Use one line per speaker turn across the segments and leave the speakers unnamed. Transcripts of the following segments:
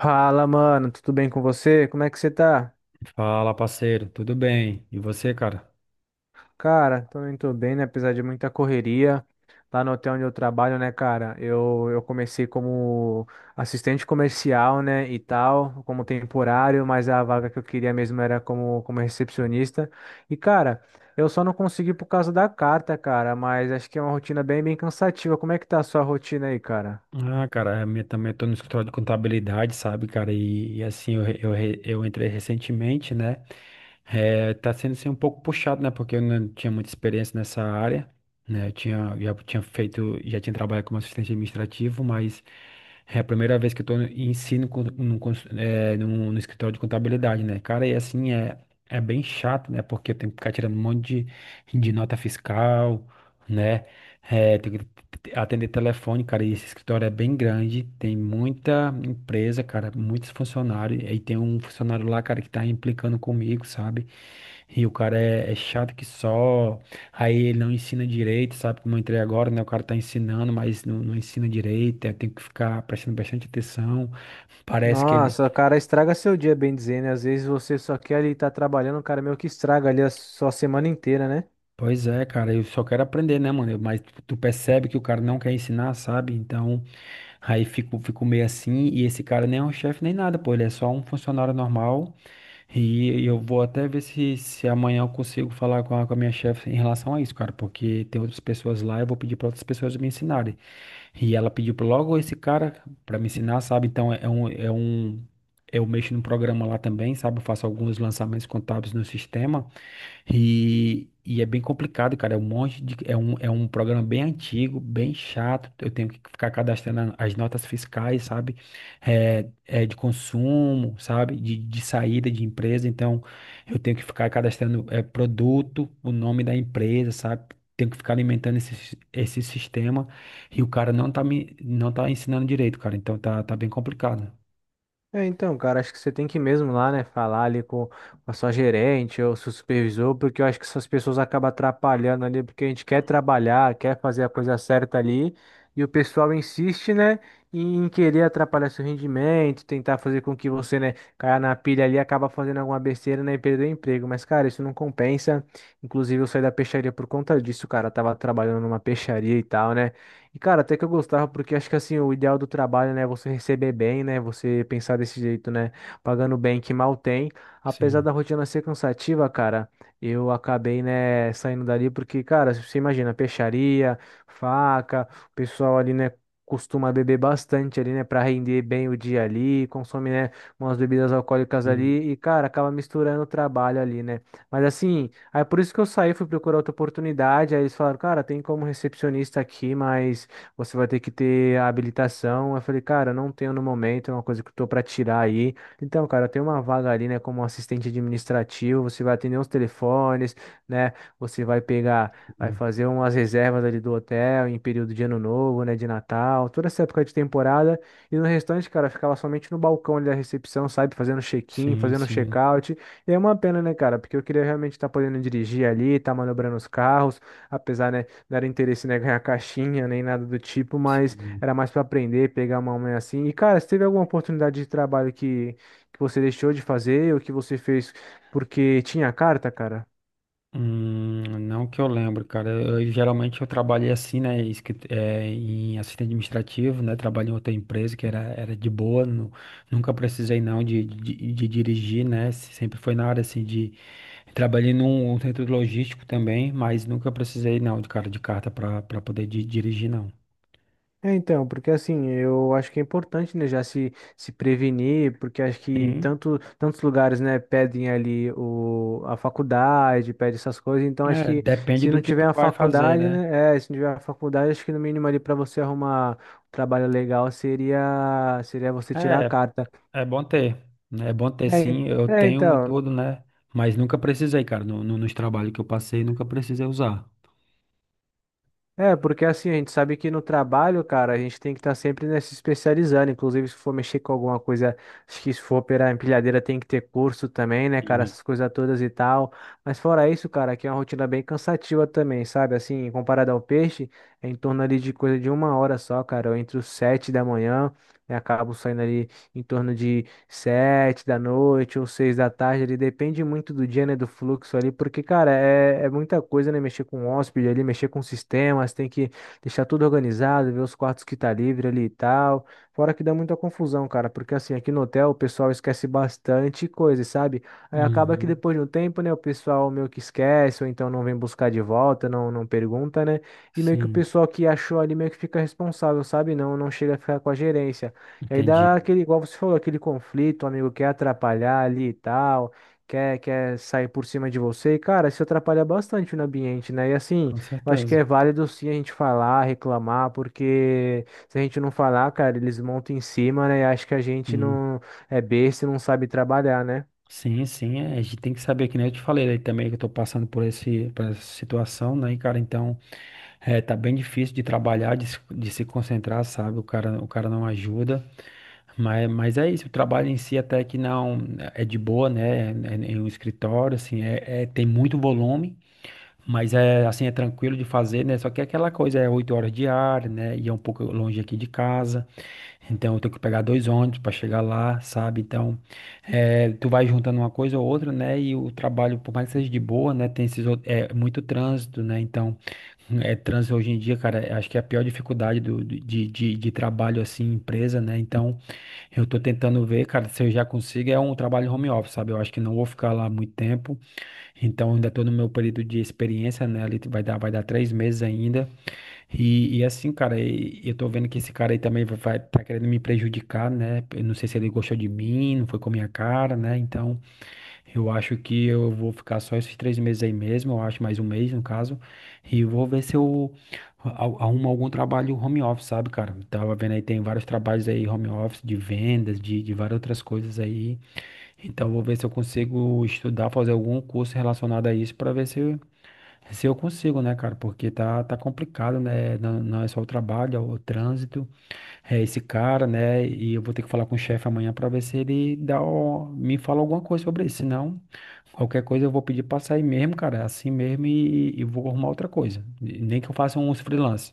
Fala, mano, tudo bem com você? Como é que você tá?
Fala, parceiro, tudo bem? E você, cara?
Cara, também tô bem, né? Apesar de muita correria lá no hotel onde eu trabalho, né, cara? Eu comecei como assistente comercial, né, e tal, como temporário, mas a vaga que eu queria mesmo era como recepcionista. E, cara. Eu só não consegui por causa da carta, cara, mas acho que é uma rotina bem cansativa. Como é que tá a sua rotina aí, cara?
Ah, cara, a minha também. Eu tô no escritório de contabilidade, sabe, cara, e assim, eu entrei recentemente, né. Tá sendo assim um pouco puxado, né, porque eu não tinha muita experiência nessa área, né. Já tinha feito, já tinha trabalhado como assistente administrativo, mas é a primeira vez que eu tô em ensino com, num, cons- é, num- no escritório de contabilidade, né, cara. E assim, é bem chato, né, porque eu tenho que ficar tirando um monte de nota fiscal, né, é, atender telefone, cara. E esse escritório é bem grande, tem muita empresa, cara, muitos funcionários. E aí tem um funcionário lá, cara, que tá implicando comigo, sabe? E o cara é chato que só, aí ele não ensina direito, sabe? Como eu entrei agora, né? O cara tá ensinando, mas não ensina direito, aí tem que ficar prestando bastante atenção, parece que ele.
Nossa, cara, estraga seu dia, bem dizendo. Às vezes você só quer ali estar trabalhando, cara, meio que estraga ali a sua semana inteira, né?
Pois é, cara, eu só quero aprender, né, mano? Eu- mas tu percebe que o cara não quer ensinar, sabe? Então, aí fico meio assim. E esse cara nem é um chefe nem nada, pô, ele é só um funcionário normal. Eu vou até ver se amanhã eu consigo falar com com a minha chefe em relação a isso, cara, porque tem outras pessoas lá, eu vou pedir pra outras pessoas me ensinarem. E ela pediu pra logo esse cara pra me ensinar, sabe? Então, é um. Eu mexo no programa lá também, sabe? Eu faço alguns lançamentos contábeis no sistema. E é bem complicado, cara. É um monte de, é um programa bem antigo, bem chato. Eu tenho que ficar cadastrando as notas fiscais, sabe? É de consumo, sabe? De saída de empresa. Então, eu tenho que ficar cadastrando produto, o nome da empresa, sabe? Tenho que ficar alimentando esse sistema. E o cara não tá ensinando direito, cara. Então, tá bem complicado.
É, então, cara, acho que você tem que ir mesmo lá, né, falar ali com a sua gerente ou seu supervisor, porque eu acho que essas pessoas acabam atrapalhando ali, porque a gente quer trabalhar, quer fazer a coisa certa ali, e o pessoal insiste, né, em querer atrapalhar seu rendimento, tentar fazer com que você, né, caia na pilha ali, acaba fazendo alguma besteira, né, e perder o emprego. Mas, cara, isso não compensa. Inclusive, eu saí da peixaria por conta disso, cara. Eu tava trabalhando numa peixaria e tal, né? E, cara, até que eu gostava, porque acho que assim, o ideal do trabalho, né, é você receber bem, né, você pensar desse jeito, né, pagando bem que mal tem. Apesar
Sim,
da rotina ser cansativa, cara, eu acabei, né, saindo dali porque, cara, você imagina, peixaria, faca, o pessoal ali, né, costuma beber bastante ali, né, para render bem o dia ali, consome, né, umas bebidas alcoólicas
sim,
ali e, cara, acaba misturando o trabalho ali, né. Mas assim. Aí por isso que eu saí, fui procurar outra oportunidade. Aí eles falaram, cara, tem como recepcionista aqui, mas você vai ter que ter a habilitação. Eu falei, cara, não tenho no momento, é uma coisa que eu tô pra tirar aí. Então, cara, tem uma vaga ali, né, como assistente administrativo, você vai atender os telefones, né? Você vai pegar, vai
sim,
fazer umas reservas ali do hotel em período de ano novo, né, de Natal, toda essa época de temporada. E no restante, cara, eu ficava somente no balcão ali da recepção, sabe, fazendo check-in,
sim,
fazendo
sim,
check-out. E é uma pena, né, cara? Porque eu queria realmente estar podendo dirigir ali, estar manobrando os carros, apesar, né, não era interesse, né, ganhar caixinha nem nada do tipo, mas
sim.
era mais para aprender, pegar uma mãe assim. E, cara, se teve alguma oportunidade de trabalho que você deixou de fazer ou que você fez porque tinha carta, cara?
Não que eu lembro, cara. Geralmente eu trabalhei assim, né? Em assistente administrativo, né? Trabalhei em outra empresa era de boa, nunca precisei não de dirigir, né? Sempre foi na área assim de. Trabalhei num centro logístico também, mas nunca precisei não, de cara de carta para poder dirigir, não.
É, então, porque assim, eu acho que é importante, né, já se, se prevenir, porque acho que
Sim,
tantos lugares, né, pedem ali a faculdade, pedem essas coisas, então acho que
depende
se
do
não
que tu
tiver a
vai fazer,
faculdade,
né?
né, é, se não tiver a faculdade, acho que no mínimo ali para você arrumar um trabalho legal seria você tirar a
É,
carta.
É bom ter, né? É bom ter
É, en-
sim, eu
é,
tenho e
então,
tudo, né? Mas nunca precisei, cara. Nos trabalhos que eu passei, nunca precisei usar.
é, porque assim, a gente sabe que no trabalho, cara, a gente tem que estar sempre né, se especializando. Inclusive, se for mexer com alguma coisa, acho que se for operar empilhadeira, tem que ter curso também, né, cara?
Sim.
Essas coisas todas e tal. Mas fora isso, cara, aqui é uma rotina bem cansativa também, sabe? Assim, comparado ao peixe, é em torno ali de coisa de uma hora só, cara. Eu entro sete da manhã e acabo saindo ali em torno de sete da noite ou seis da tarde, ele depende muito do dia, né, do fluxo ali, porque, cara, é muita coisa, né, mexer com hóspede ali, mexer com sistemas, tem que deixar tudo organizado, ver os quartos que tá livre ali e tal, fora que dá muita confusão, cara, porque assim, aqui no hotel o pessoal esquece bastante coisa, sabe? Aí acaba que
Uhum.
depois de um tempo, né, o pessoal meio que esquece, ou então não vem buscar de volta, não pergunta, né, e meio que o
Sim,
pessoal que achou ali meio que fica responsável, sabe? Não chega a ficar com a gerência. E aí dá
entendi.
aquele, igual você falou, aquele conflito, o amigo quer atrapalhar ali e tal, quer sair por cima de você. E, cara, isso atrapalha bastante no ambiente, né? E assim,
Com
eu acho que
certeza.
é válido sim a gente falar, reclamar, porque se a gente não falar, cara, eles montam em cima, né? E acho que a gente
Sim,
não é besta e não sabe trabalhar, né?
sim, sim. A gente tem que saber, que nem eu te falei aí também, que eu tô passando por esse, por essa situação, né? E, cara, então, tá bem difícil de trabalhar, de se concentrar, sabe? O cara não ajuda. Mas é isso, o trabalho em si até que não é de boa, né? Em um escritório, assim, tem muito volume. Mas é assim, é tranquilo de fazer, né? Só que é aquela coisa, é 8 horas diárias, né? E é um pouco longe aqui de casa. Então eu tenho que pegar 2 ônibus para chegar lá, sabe? Então, tu vai juntando uma coisa ou outra, né? E o trabalho, por mais que seja de boa, né? É muito trânsito, né? Então, é trânsito hoje em dia, cara. Acho que é a pior dificuldade de trabalho assim, em empresa, né? Então, eu tô tentando ver, cara, se eu já consigo, é um trabalho home office, sabe? Eu acho que não vou ficar lá muito tempo. Então, ainda estou no meu período de experiência, né? Ali vai dar 3 meses ainda. E assim, cara, e eu tô vendo que esse cara aí também tá querendo me prejudicar, né? Eu não sei se ele gostou de mim, não foi com a minha cara, né? Então, eu acho que eu vou ficar só esses 3 meses aí mesmo, eu acho mais um mês, no caso. E vou ver se eu arrumo algum trabalho home office, sabe, cara? Tava vendo aí, tem vários trabalhos aí home office, de vendas, de várias outras coisas aí. Então, vou ver se eu consigo estudar, fazer algum curso relacionado a isso para ver se eu, consigo, né, cara? Porque tá complicado, né? Não é só o trabalho, é o trânsito, é esse cara, né? E eu vou ter que falar com o chefe amanhã para ver se ele dá, me fala alguma coisa sobre isso. Senão, qualquer coisa eu vou pedir para sair mesmo, cara, é assim mesmo e vou arrumar outra coisa. E nem que eu faça uns freelance.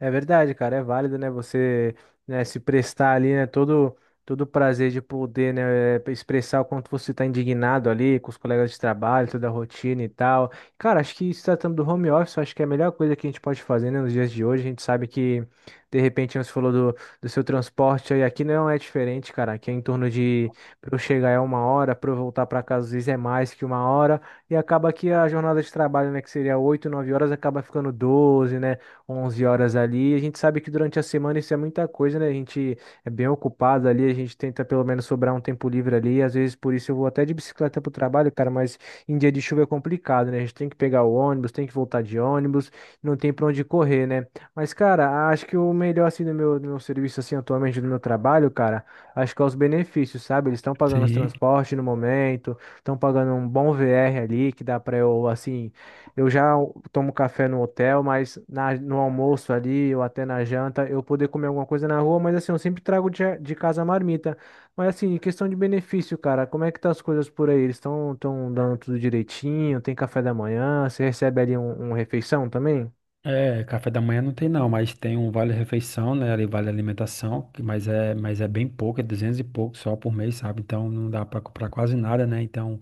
É verdade, cara, é válido, né? Você, né, se prestar ali, né, todo o prazer de poder, né, expressar o quanto você está indignado ali com os colegas de trabalho, toda a rotina e tal. Cara, acho que se tratando do home office, eu acho que é a melhor coisa que a gente pode fazer, né, nos dias de hoje. A gente sabe que, de repente, você falou do seu transporte aí, aqui não é diferente, cara. Aqui é em torno de, para eu chegar é uma hora, para eu voltar para casa às vezes é mais que uma hora, e acaba que a jornada de trabalho, né, que seria 8, 9 horas, acaba ficando 12, né? Onze horas ali. A gente sabe que durante a semana isso é muita coisa, né? A gente é bem ocupado ali, a gente tenta pelo menos sobrar um tempo livre ali. Às vezes por isso eu vou até de bicicleta pro trabalho, cara, mas em dia de chuva é complicado, né? A gente tem que pegar o ônibus, tem que voltar de ônibus, não tem pra onde correr, né? Mas, cara, acho que o melhor assim do meu serviço assim atualmente do meu trabalho, cara, acho que é os benefícios, sabe? Eles estão pagando os
Sim.
transportes no momento, estão pagando um bom VR ali que dá pra eu assim eu já tomo café no hotel, mas no almoço ali ou até na janta eu poder comer alguma coisa na rua, mas assim, eu sempre trago de casa a marmita. Mas assim, em questão de benefício, cara, como é que tá as coisas por aí? Eles estão tão dando tudo direitinho? Tem café da manhã? Você recebe ali um refeição também?
É, café da manhã não tem não, mas tem um vale-refeição, né? Ali vale alimentação, mas é bem pouco, é 200 e pouco só por mês, sabe? Então não dá pra comprar quase nada, né? Então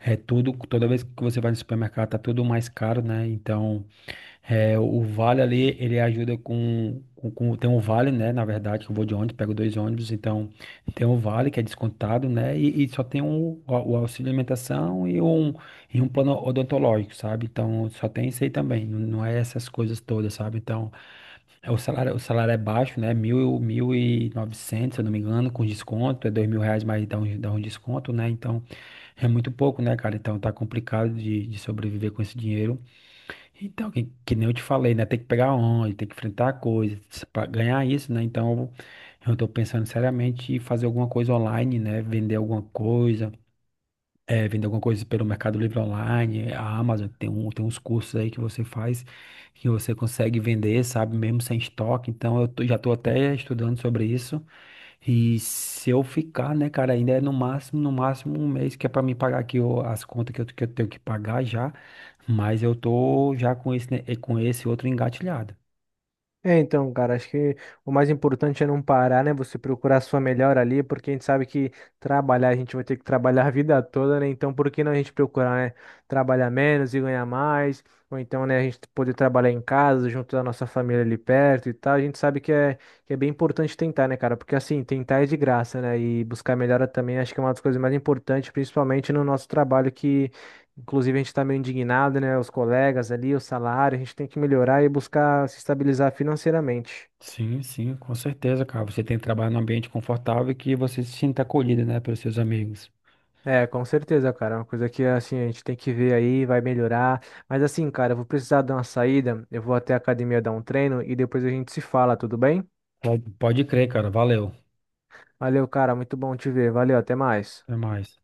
é tudo, toda vez que você vai no supermercado tá tudo mais caro, né? Então é, o vale ali, ele ajuda Tem um vale, né? Na verdade, que eu vou de ônibus, pego 2 ônibus, então tem um vale que é descontado, né? E só tem o auxílio alimentação e e um plano odontológico, sabe? Então só tem isso aí também, não é essas coisas todas, sabe? Então o salário é baixo, né? Mil e novecentos, se eu não me engano, com desconto, é 2.000 reais, mas dá um desconto, né? Então é muito pouco, né, cara? Então tá complicado de sobreviver com esse dinheiro. Então, que nem eu te falei, né? Tem que pegar onde, tem que enfrentar a coisa para ganhar isso, né? Então, eu tô pensando seriamente em fazer alguma coisa online, né? Vender alguma coisa, vender alguma coisa pelo Mercado Livre online, a Amazon, tem tem uns cursos aí que você faz que você consegue vender, sabe? Mesmo sem estoque. Então, já tô até estudando sobre isso. E se eu ficar, né, cara, ainda é no máximo, no máximo um mês que é pra mim pagar aqui as contas que eu tenho que pagar já, mas eu tô já com esse, né, com esse outro engatilhado.
É, então, cara, acho que o mais importante é não parar, né? Você procurar a sua melhor ali, porque a gente sabe que trabalhar, a gente vai ter que trabalhar a vida toda, né? Então, por que não a gente procurar, né? Trabalhar menos e ganhar mais, ou então, né, a gente poder trabalhar em casa, junto da nossa família ali perto e tal. A gente sabe que é bem importante tentar, né, cara? Porque assim, tentar é de graça, né? E buscar melhora também acho que é uma das coisas mais importantes, principalmente no nosso trabalho, que inclusive, a gente está meio indignado, né? Os colegas ali, o salário, a gente tem que melhorar e buscar se estabilizar financeiramente.
Sim, sim, com certeza, cara. Você tem que trabalhar num ambiente confortável e que você se sinta acolhido, né, pelos seus amigos.
É, com certeza, cara. É uma coisa que, assim, a gente tem que ver aí, vai melhorar. Mas, assim, cara, eu vou precisar dar uma saída. Eu vou até a academia dar um treino e depois a gente se fala, tudo bem?
Pode, pode crer, cara. Valeu.
Valeu, cara. Muito bom te ver. Valeu, até mais.
Até mais.